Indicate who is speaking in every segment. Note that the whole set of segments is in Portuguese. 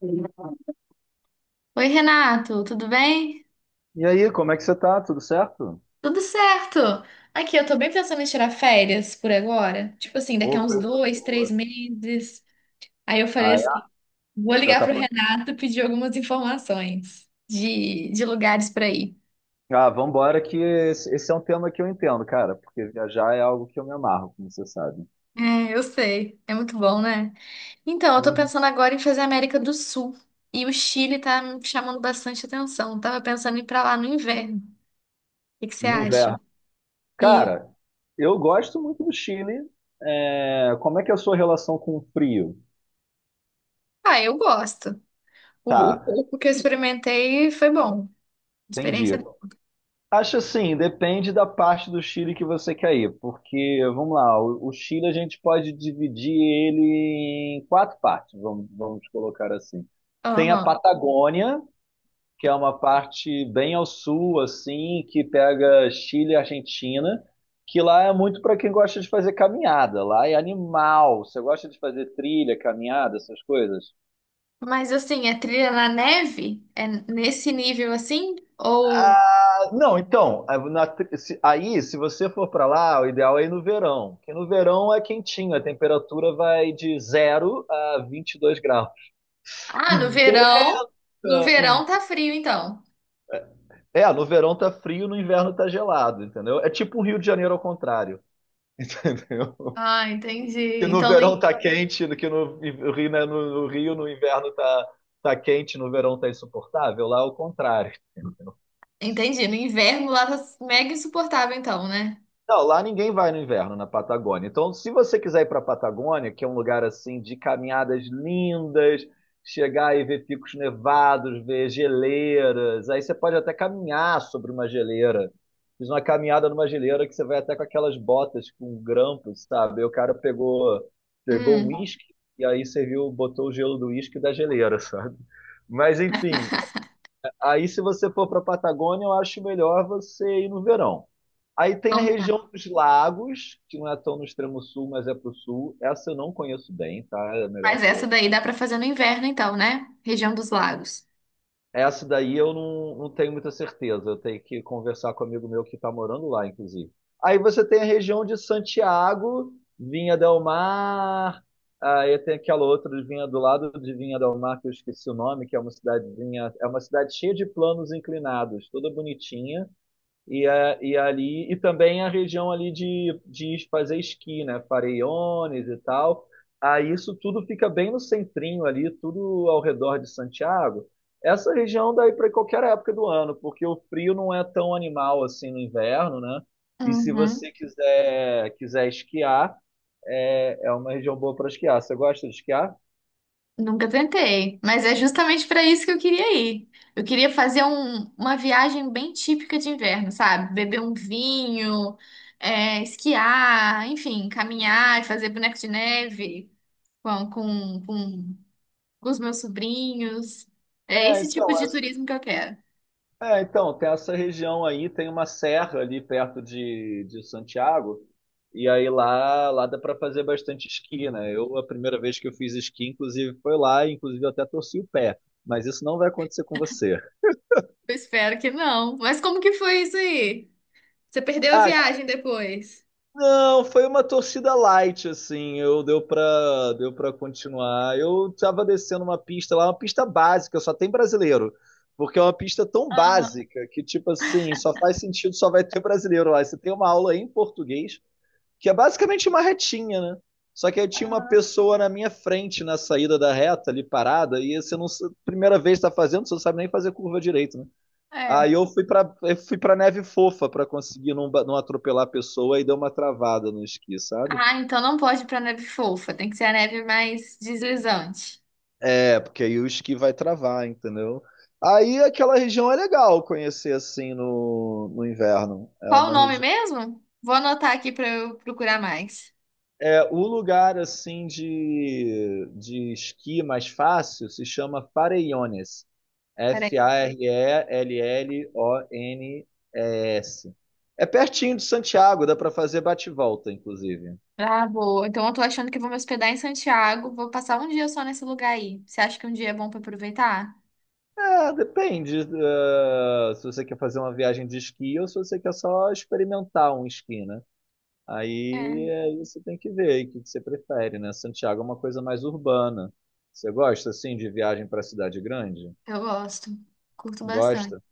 Speaker 1: Oi, Renato, tudo bem?
Speaker 2: E aí, como é que você tá? Tudo certo?
Speaker 1: Tudo certo. Aqui, eu tô bem pensando em tirar férias por agora. Tipo assim, daqui
Speaker 2: Ô,
Speaker 1: a uns
Speaker 2: coisa
Speaker 1: dois, três
Speaker 2: boa.
Speaker 1: meses. Aí eu falei
Speaker 2: Ah, é?
Speaker 1: assim, vou
Speaker 2: Já
Speaker 1: ligar
Speaker 2: tá
Speaker 1: pro
Speaker 2: pra...
Speaker 1: Renato e pedir algumas informações de lugares pra ir.
Speaker 2: Ah, vambora que esse é um tema que eu entendo, cara, porque viajar é algo que eu me amarro, como você sabe.
Speaker 1: É, eu sei. É muito bom, né? Então, eu tô
Speaker 2: Hum.
Speaker 1: pensando agora em fazer a América do Sul. E o Chile tá me chamando bastante atenção. Tava pensando em ir pra lá no inverno. O que que você
Speaker 2: No
Speaker 1: acha?
Speaker 2: inverno.
Speaker 1: E,
Speaker 2: Cara, eu gosto muito do Chile. É, como é que é a sua relação com o frio?
Speaker 1: eu gosto. O
Speaker 2: Tá,
Speaker 1: pouco que eu experimentei foi bom. Experiência
Speaker 2: entendi.
Speaker 1: é boa.
Speaker 2: Acho assim, depende da parte do Chile que você quer ir, porque, vamos lá, o Chile a gente pode dividir ele em quatro partes, vamos colocar assim. Tem a
Speaker 1: Aham.
Speaker 2: Patagônia, que é uma parte bem ao sul, assim, que pega Chile e Argentina, que lá é muito para quem gosta de fazer caminhada, lá é animal. Você gosta de fazer trilha, caminhada, essas coisas?
Speaker 1: Mas assim, é trilha na neve? É nesse nível assim? Ou
Speaker 2: Ah, não, então, a- na tri- se- aí, se você for para lá, o ideal é ir no verão, porque no verão é quentinho, a temperatura vai de zero a 22 graus. E,
Speaker 1: ah, no
Speaker 2: venta-
Speaker 1: verão. No verão
Speaker 2: e-
Speaker 1: tá frio, então.
Speaker 2: no verão tá frio, no inverno tá gelado, entendeu? É tipo o Rio de Janeiro ao contrário, entendeu?
Speaker 1: Ah, entendi.
Speaker 2: Que no verão tá quente, que no Rio, né, no Rio, no inverno tá, tá quente, no verão tá insuportável, lá é o contrário.
Speaker 1: Entendi. No inverno lá tá mega insuportável, então, né?
Speaker 2: Não, lá ninguém vai no inverno na Patagônia. Então, se você quiser ir para a Patagônia, que é um lugar assim de caminhadas lindas, chegar e ver picos nevados, ver geleiras, aí você pode até caminhar sobre uma geleira. Fiz uma caminhada numa geleira que você vai até com aquelas botas com grampos, sabe? E o cara pegou um
Speaker 1: Hum,
Speaker 2: uísque e aí serviu, botou o gelo do uísque da geleira, sabe? Mas enfim, aí se você for para a Patagônia, eu acho melhor você ir no verão. Aí tem a
Speaker 1: então tá.
Speaker 2: região dos lagos, que não é tão no extremo sul, mas é pro sul. Essa eu não conheço bem, tá? É melhor
Speaker 1: Mas essa
Speaker 2: ser.
Speaker 1: daí dá pra fazer no inverno, então, né? Região dos lagos.
Speaker 2: Essa daí eu não tenho muita certeza. Eu tenho que conversar com um amigo meu que está morando lá, inclusive. Aí você tem a região de Santiago, Vinha del Mar. Aí tem aquela outra de Vinha do lado de Vinha del Mar, que eu esqueci o nome, que é uma cidadezinha. É uma cidade cheia de planos inclinados, toda bonitinha. E também a região ali de fazer esqui, né? Farellones e tal. Aí isso tudo fica bem no centrinho ali, tudo ao redor de Santiago. Essa região daí para qualquer época do ano, porque o frio não é tão animal assim no inverno, né? E se
Speaker 1: Uhum.
Speaker 2: você quiser esquiar, é, é uma região boa para esquiar. Você gosta de esquiar?
Speaker 1: Nunca tentei, mas é justamente para isso que eu queria ir. Eu queria fazer uma viagem bem típica de inverno, sabe? Beber um vinho, esquiar, enfim, caminhar e fazer boneco de neve com, com, com, com os meus sobrinhos. É
Speaker 2: É,
Speaker 1: esse tipo
Speaker 2: então, é
Speaker 1: de turismo que eu quero.
Speaker 2: Tem essa região aí, tem uma serra ali perto de Santiago, e aí lá, lá dá para fazer bastante esqui, né? Eu, a primeira vez que eu fiz esqui, inclusive, foi lá, e inclusive eu até torci o pé, mas isso não vai acontecer com você.
Speaker 1: Eu espero que não. Mas como que foi isso aí? Você perdeu a
Speaker 2: Ah,
Speaker 1: viagem depois?
Speaker 2: não, foi uma torcida light, assim, eu deu pra continuar. Eu tava descendo uma pista lá, uma pista básica, só tem brasileiro. Porque é uma pista tão
Speaker 1: Aham.
Speaker 2: básica que, tipo assim, só faz sentido, só vai ter brasileiro lá. Você tem uma aula em português, que é basicamente uma retinha, né? Só que aí tinha uma pessoa na minha frente na saída da reta ali parada e você não primeira vez está fazendo, você não sabe nem fazer curva direito, né? Aí
Speaker 1: É.
Speaker 2: eu fui para neve fofa para conseguir não, não atropelar a pessoa e deu uma travada no esqui, sabe?
Speaker 1: Ah, então não pode ir pra neve fofa, tem que ser a neve mais deslizante.
Speaker 2: É, porque aí o esqui vai travar, entendeu? Aí aquela região é legal conhecer assim no inverno. É
Speaker 1: Qual o
Speaker 2: uma
Speaker 1: nome
Speaker 2: região
Speaker 1: mesmo? Vou anotar aqui para eu procurar mais.
Speaker 2: é, o lugar assim de esqui mais fácil se chama Farellones.
Speaker 1: Peraí.
Speaker 2: F-A-R-E-L-L-O-N-E-S. É pertinho de Santiago, dá para fazer bate-volta, inclusive.
Speaker 1: Ah, boa. Então eu tô achando que vou me hospedar em Santiago. Vou passar um dia só nesse lugar aí. Você acha que um dia é bom para aproveitar?
Speaker 2: É, depende, se você quer fazer uma viagem de esqui ou se você quer só experimentar um esqui, né? Aí,
Speaker 1: É.
Speaker 2: aí você tem que ver aí o que que você prefere, né? Santiago é uma coisa mais urbana. Você gosta, assim, de viagem para cidade grande?
Speaker 1: Eu gosto. Curto bastante.
Speaker 2: Gosta?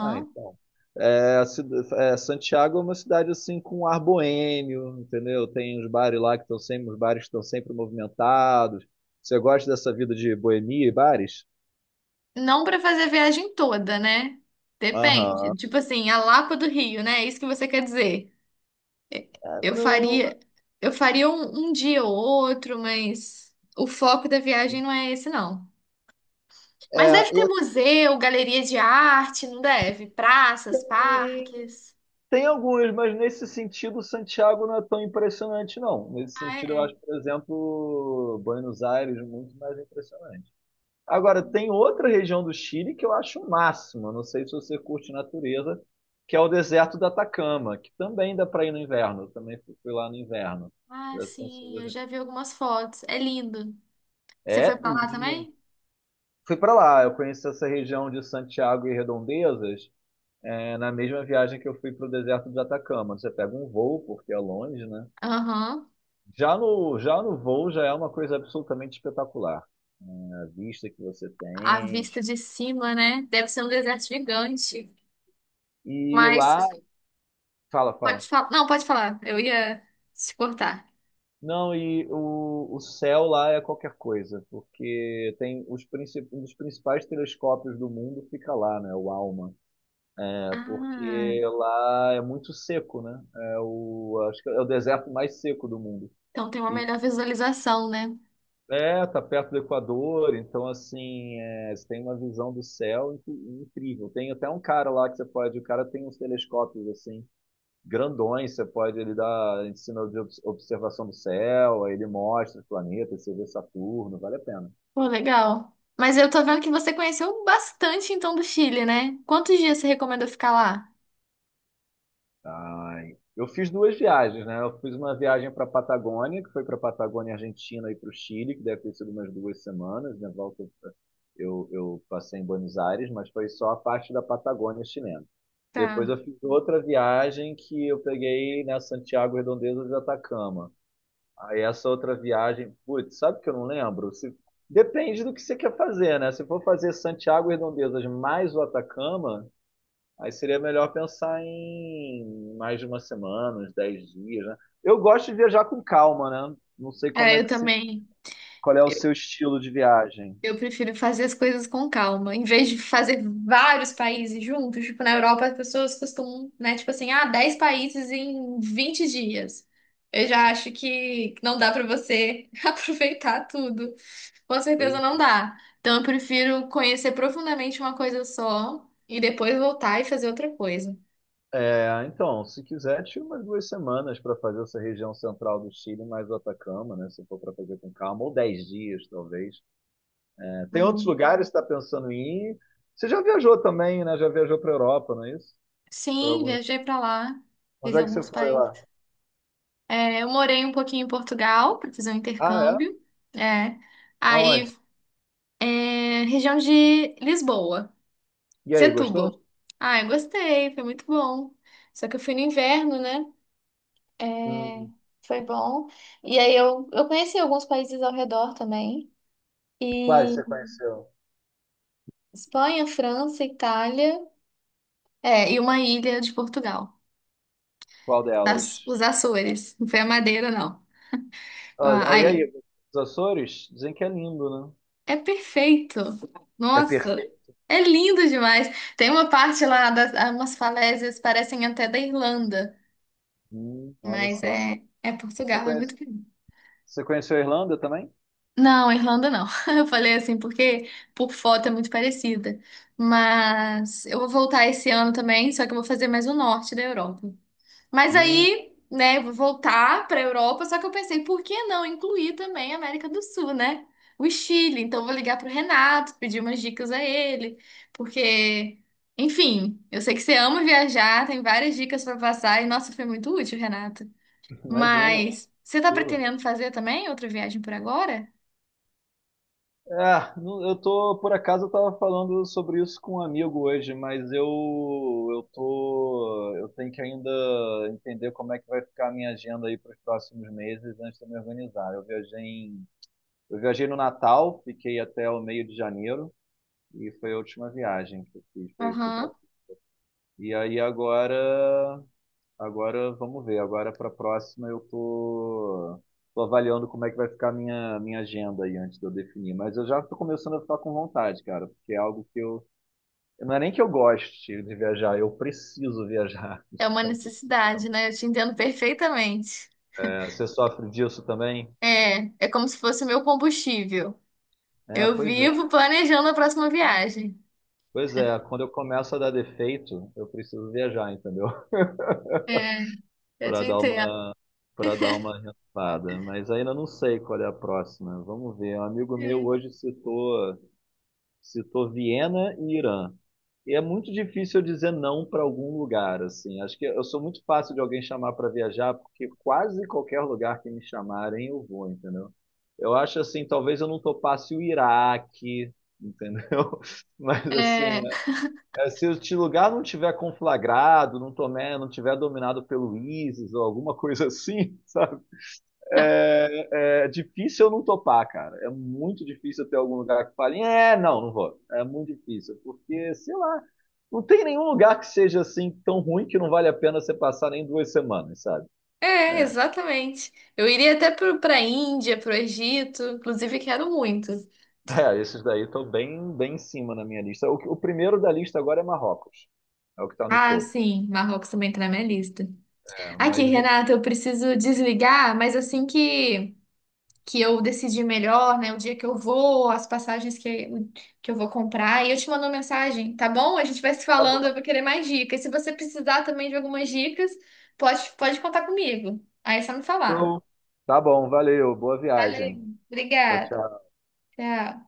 Speaker 2: Ah, então. Santiago é uma cidade assim com ar boêmio, entendeu? Tem uns bares lá que estão sempre, os bares estão sempre movimentados. Você gosta dessa vida de boemia e bares?
Speaker 1: Não para fazer a viagem toda, né?
Speaker 2: Aham.
Speaker 1: Depende. Tipo assim, a Lapa do Rio, né? É isso que você quer dizer.
Speaker 2: É,
Speaker 1: Eu
Speaker 2: não,
Speaker 1: faria, eu faria um dia ou outro, mas o foco da viagem não é esse, não. Mas
Speaker 2: é,
Speaker 1: deve ter
Speaker 2: e
Speaker 1: museu, galeria de arte, não deve? Praças,
Speaker 2: Assim,
Speaker 1: parques.
Speaker 2: tem alguns, mas nesse sentido Santiago não é tão impressionante, não. Nesse
Speaker 1: Ah,
Speaker 2: sentido, eu
Speaker 1: é?
Speaker 2: acho, por exemplo, Buenos Aires muito mais impressionante. Agora, tem outra região do Chile que eu acho o máximo, eu não sei se você curte natureza, que é o deserto do Atacama, que também dá para ir no inverno. Eu também fui lá no inverno.
Speaker 1: Ah, sim, eu já vi algumas fotos. É lindo. Você foi
Speaker 2: É
Speaker 1: pra lá
Speaker 2: lindo.
Speaker 1: também?
Speaker 2: Fui para lá, eu conheci essa região de Santiago e Redondezas, é, na mesma viagem que eu fui para o deserto de Atacama. Você pega um voo, porque é longe, né?
Speaker 1: Aham.
Speaker 2: Já no voo já é uma coisa absolutamente espetacular. Né? A vista que você
Speaker 1: A
Speaker 2: tem.
Speaker 1: vista de cima, né? Deve ser um deserto gigante.
Speaker 2: E
Speaker 1: Mas
Speaker 2: lá. Fala,
Speaker 1: pode
Speaker 2: fala.
Speaker 1: falar. Não, pode falar. Eu ia se cortar.
Speaker 2: Não, e o céu lá é qualquer coisa, porque tem os um dos principais telescópios do mundo fica lá, né? O ALMA. É
Speaker 1: Ah,
Speaker 2: porque lá é muito seco, né? É o, acho que é o deserto mais seco do mundo.
Speaker 1: então tem uma
Speaker 2: E
Speaker 1: melhor visualização, né?
Speaker 2: é, tá perto do Equador, então assim, é, você tem uma visão do céu incrível. Tem até um cara lá que você pode, o cara tem uns telescópios assim grandões, você pode, ele dá ensino de observação do céu, aí ele mostra os planetas, você vê Saturno, vale a pena.
Speaker 1: Pô, legal. Mas eu tô vendo que você conheceu bastante então do Chile, né? Quantos dias você recomendou ficar lá?
Speaker 2: Ai, eu fiz duas viagens, né? Eu fiz uma viagem para a Patagônia, que foi para a Patagônia Argentina e para o Chile, que deve ter sido umas 2 semanas, né? Volta, eu passei em Buenos Aires, mas foi só a parte da Patagônia chilena.
Speaker 1: Tá.
Speaker 2: Depois eu fiz outra viagem que eu peguei na Santiago Redondeza de Atacama. Aí essa outra viagem, putz, sabe que eu não lembro? Depende do que você quer fazer, né? Se for fazer Santiago e Redondezas mais o Atacama, aí seria melhor pensar em mais de uma semana, uns 10 dias, né? Eu gosto de viajar com calma, né? Não sei como
Speaker 1: É,
Speaker 2: é
Speaker 1: eu
Speaker 2: que você,
Speaker 1: também.
Speaker 2: qual é o seu estilo de viagem.
Speaker 1: Eu prefiro fazer as coisas com calma, em vez de fazer vários países juntos. Tipo, na Europa, as pessoas costumam, né? Tipo assim, ah, 10 países em 20 dias. Eu já acho que não dá pra você aproveitar tudo. Com
Speaker 2: Pois
Speaker 1: certeza não dá. Então, eu prefiro conhecer profundamente uma coisa só e depois voltar e fazer outra coisa.
Speaker 2: é, então, se quiser, tira umas 2 semanas para fazer essa região central do Chile mais o Atacama, né? Se for para fazer com calma, ou 10 dias, talvez. Tem outros
Speaker 1: Hum.
Speaker 2: lugares que está pensando em ir? Você já viajou também, né? Já viajou para Europa, não é isso? Para
Speaker 1: Sim,
Speaker 2: alguns.
Speaker 1: viajei pra lá, fiz
Speaker 2: Onde é que você
Speaker 1: alguns
Speaker 2: foi lá?
Speaker 1: países. É, eu morei um pouquinho em Portugal para fazer um
Speaker 2: Ah, é?
Speaker 1: intercâmbio. É. Aí
Speaker 2: Aonde?
Speaker 1: é, região de Lisboa,
Speaker 2: E aí, gostou?
Speaker 1: Setúbal. Ah, eu gostei, foi muito bom. Só que eu fui no inverno, né? É,
Speaker 2: Hum,
Speaker 1: foi bom. E aí eu conheci alguns países ao redor também.
Speaker 2: quais
Speaker 1: E
Speaker 2: você conheceu?
Speaker 1: Espanha, França, Itália, e uma ilha de Portugal,
Speaker 2: Qual delas?
Speaker 1: das, os Açores. Não foi a Madeira, não. Ah,
Speaker 2: Ah, e
Speaker 1: aí
Speaker 2: aí, os Açores? Dizem que é lindo, né?
Speaker 1: é perfeito.
Speaker 2: É
Speaker 1: Nossa,
Speaker 2: perfeito.
Speaker 1: é lindo demais. Tem uma parte lá das ah, umas falésias parecem até da Irlanda.
Speaker 2: Olha
Speaker 1: Mas
Speaker 2: só.
Speaker 1: é
Speaker 2: Você
Speaker 1: Portugal, é
Speaker 2: conhece,
Speaker 1: muito bonito.
Speaker 2: você conheceu a Irlanda também?
Speaker 1: Não, Irlanda não. Eu falei assim porque por foto é muito parecida. Mas eu vou voltar esse ano também, só que eu vou fazer mais o norte da Europa. Mas
Speaker 2: Hum,
Speaker 1: aí, né, eu vou voltar para a Europa, só que eu pensei, por que não incluir também a América do Sul, né? O Chile. Então eu vou ligar pro Renato, pedir umas dicas a ele, porque, enfim, eu sei que você ama viajar, tem várias dicas para passar e nossa, foi muito útil, Renato.
Speaker 2: imagina,
Speaker 1: Mas você tá
Speaker 2: tranquilo.
Speaker 1: pretendendo fazer também outra viagem por agora?
Speaker 2: É, não- eu tô, por acaso, eu tava falando sobre isso com um amigo hoje, mas eu tô, eu tenho que ainda entender como é que vai ficar a minha agenda aí para os próximos meses antes de eu me organizar. Eu viajei em, eu viajei no Natal, fiquei até o meio de janeiro e foi a última viagem que eu fiz, foi, fui pra,
Speaker 1: Aham.
Speaker 2: e aí agora agora vamos ver. Agora para a próxima eu tô, tô avaliando como é que vai ficar a minha agenda aí antes de eu definir. Mas eu já tô começando a ficar com vontade, cara, porque é algo que eu. Não é nem que eu goste de viajar, eu preciso viajar.
Speaker 1: É
Speaker 2: De
Speaker 1: uma
Speaker 2: tempo em
Speaker 1: necessidade,
Speaker 2: tempo.
Speaker 1: né? Eu te entendo perfeitamente.
Speaker 2: É, você sofre disso também?
Speaker 1: É, é como se fosse meu combustível.
Speaker 2: É,
Speaker 1: Eu
Speaker 2: pois é.
Speaker 1: vivo planejando a próxima viagem.
Speaker 2: Pois é, quando eu começo a dar defeito, eu preciso viajar, entendeu?
Speaker 1: É, eu
Speaker 2: Para
Speaker 1: te
Speaker 2: dar
Speaker 1: entendo.
Speaker 2: uma, para dar uma renovada. Mas ainda não sei qual é a próxima. Vamos ver. Um amigo meu hoje citou. Citou Viena e Irã. E é muito difícil eu dizer não para algum lugar, assim. Acho que eu sou muito fácil de alguém chamar para viajar, porque quase qualquer lugar que me chamarem eu vou, entendeu? Eu acho assim, talvez eu não topasse o Iraque, entendeu? Mas
Speaker 1: É,
Speaker 2: assim, se o lugar não tiver conflagrado, não tomé, não tiver dominado pelo ISIS ou alguma coisa assim, é, é difícil eu não topar, cara. É muito difícil eu ter algum lugar que fale, é, não, não vou. É muito difícil, porque, sei lá, não tem nenhum lugar que seja assim tão ruim que não vale a pena você passar nem 2 semanas, sabe?
Speaker 1: exatamente. Eu iria até pro, pra Índia, pro Egito, inclusive quero muito.
Speaker 2: É, esses daí estão bem, bem em cima na minha lista. O primeiro da lista agora é Marrocos. É o que está no
Speaker 1: Ah,
Speaker 2: topo.
Speaker 1: sim, Marrocos também tá na minha lista.
Speaker 2: É,
Speaker 1: Aqui,
Speaker 2: mas
Speaker 1: Renata, eu preciso desligar, mas assim que eu decidir melhor, né? O dia que eu vou, as passagens que eu vou comprar. E eu te mando uma mensagem, tá bom? A gente vai se
Speaker 2: tá
Speaker 1: falando, eu
Speaker 2: bom.
Speaker 1: vou querer mais dicas. Se você precisar também de algumas dicas, pode contar comigo. Aí é só me falar.
Speaker 2: Então, tá bom, valeu. Boa viagem.
Speaker 1: Valeu,
Speaker 2: Tchau,
Speaker 1: obrigada.
Speaker 2: tchau.
Speaker 1: Tchau.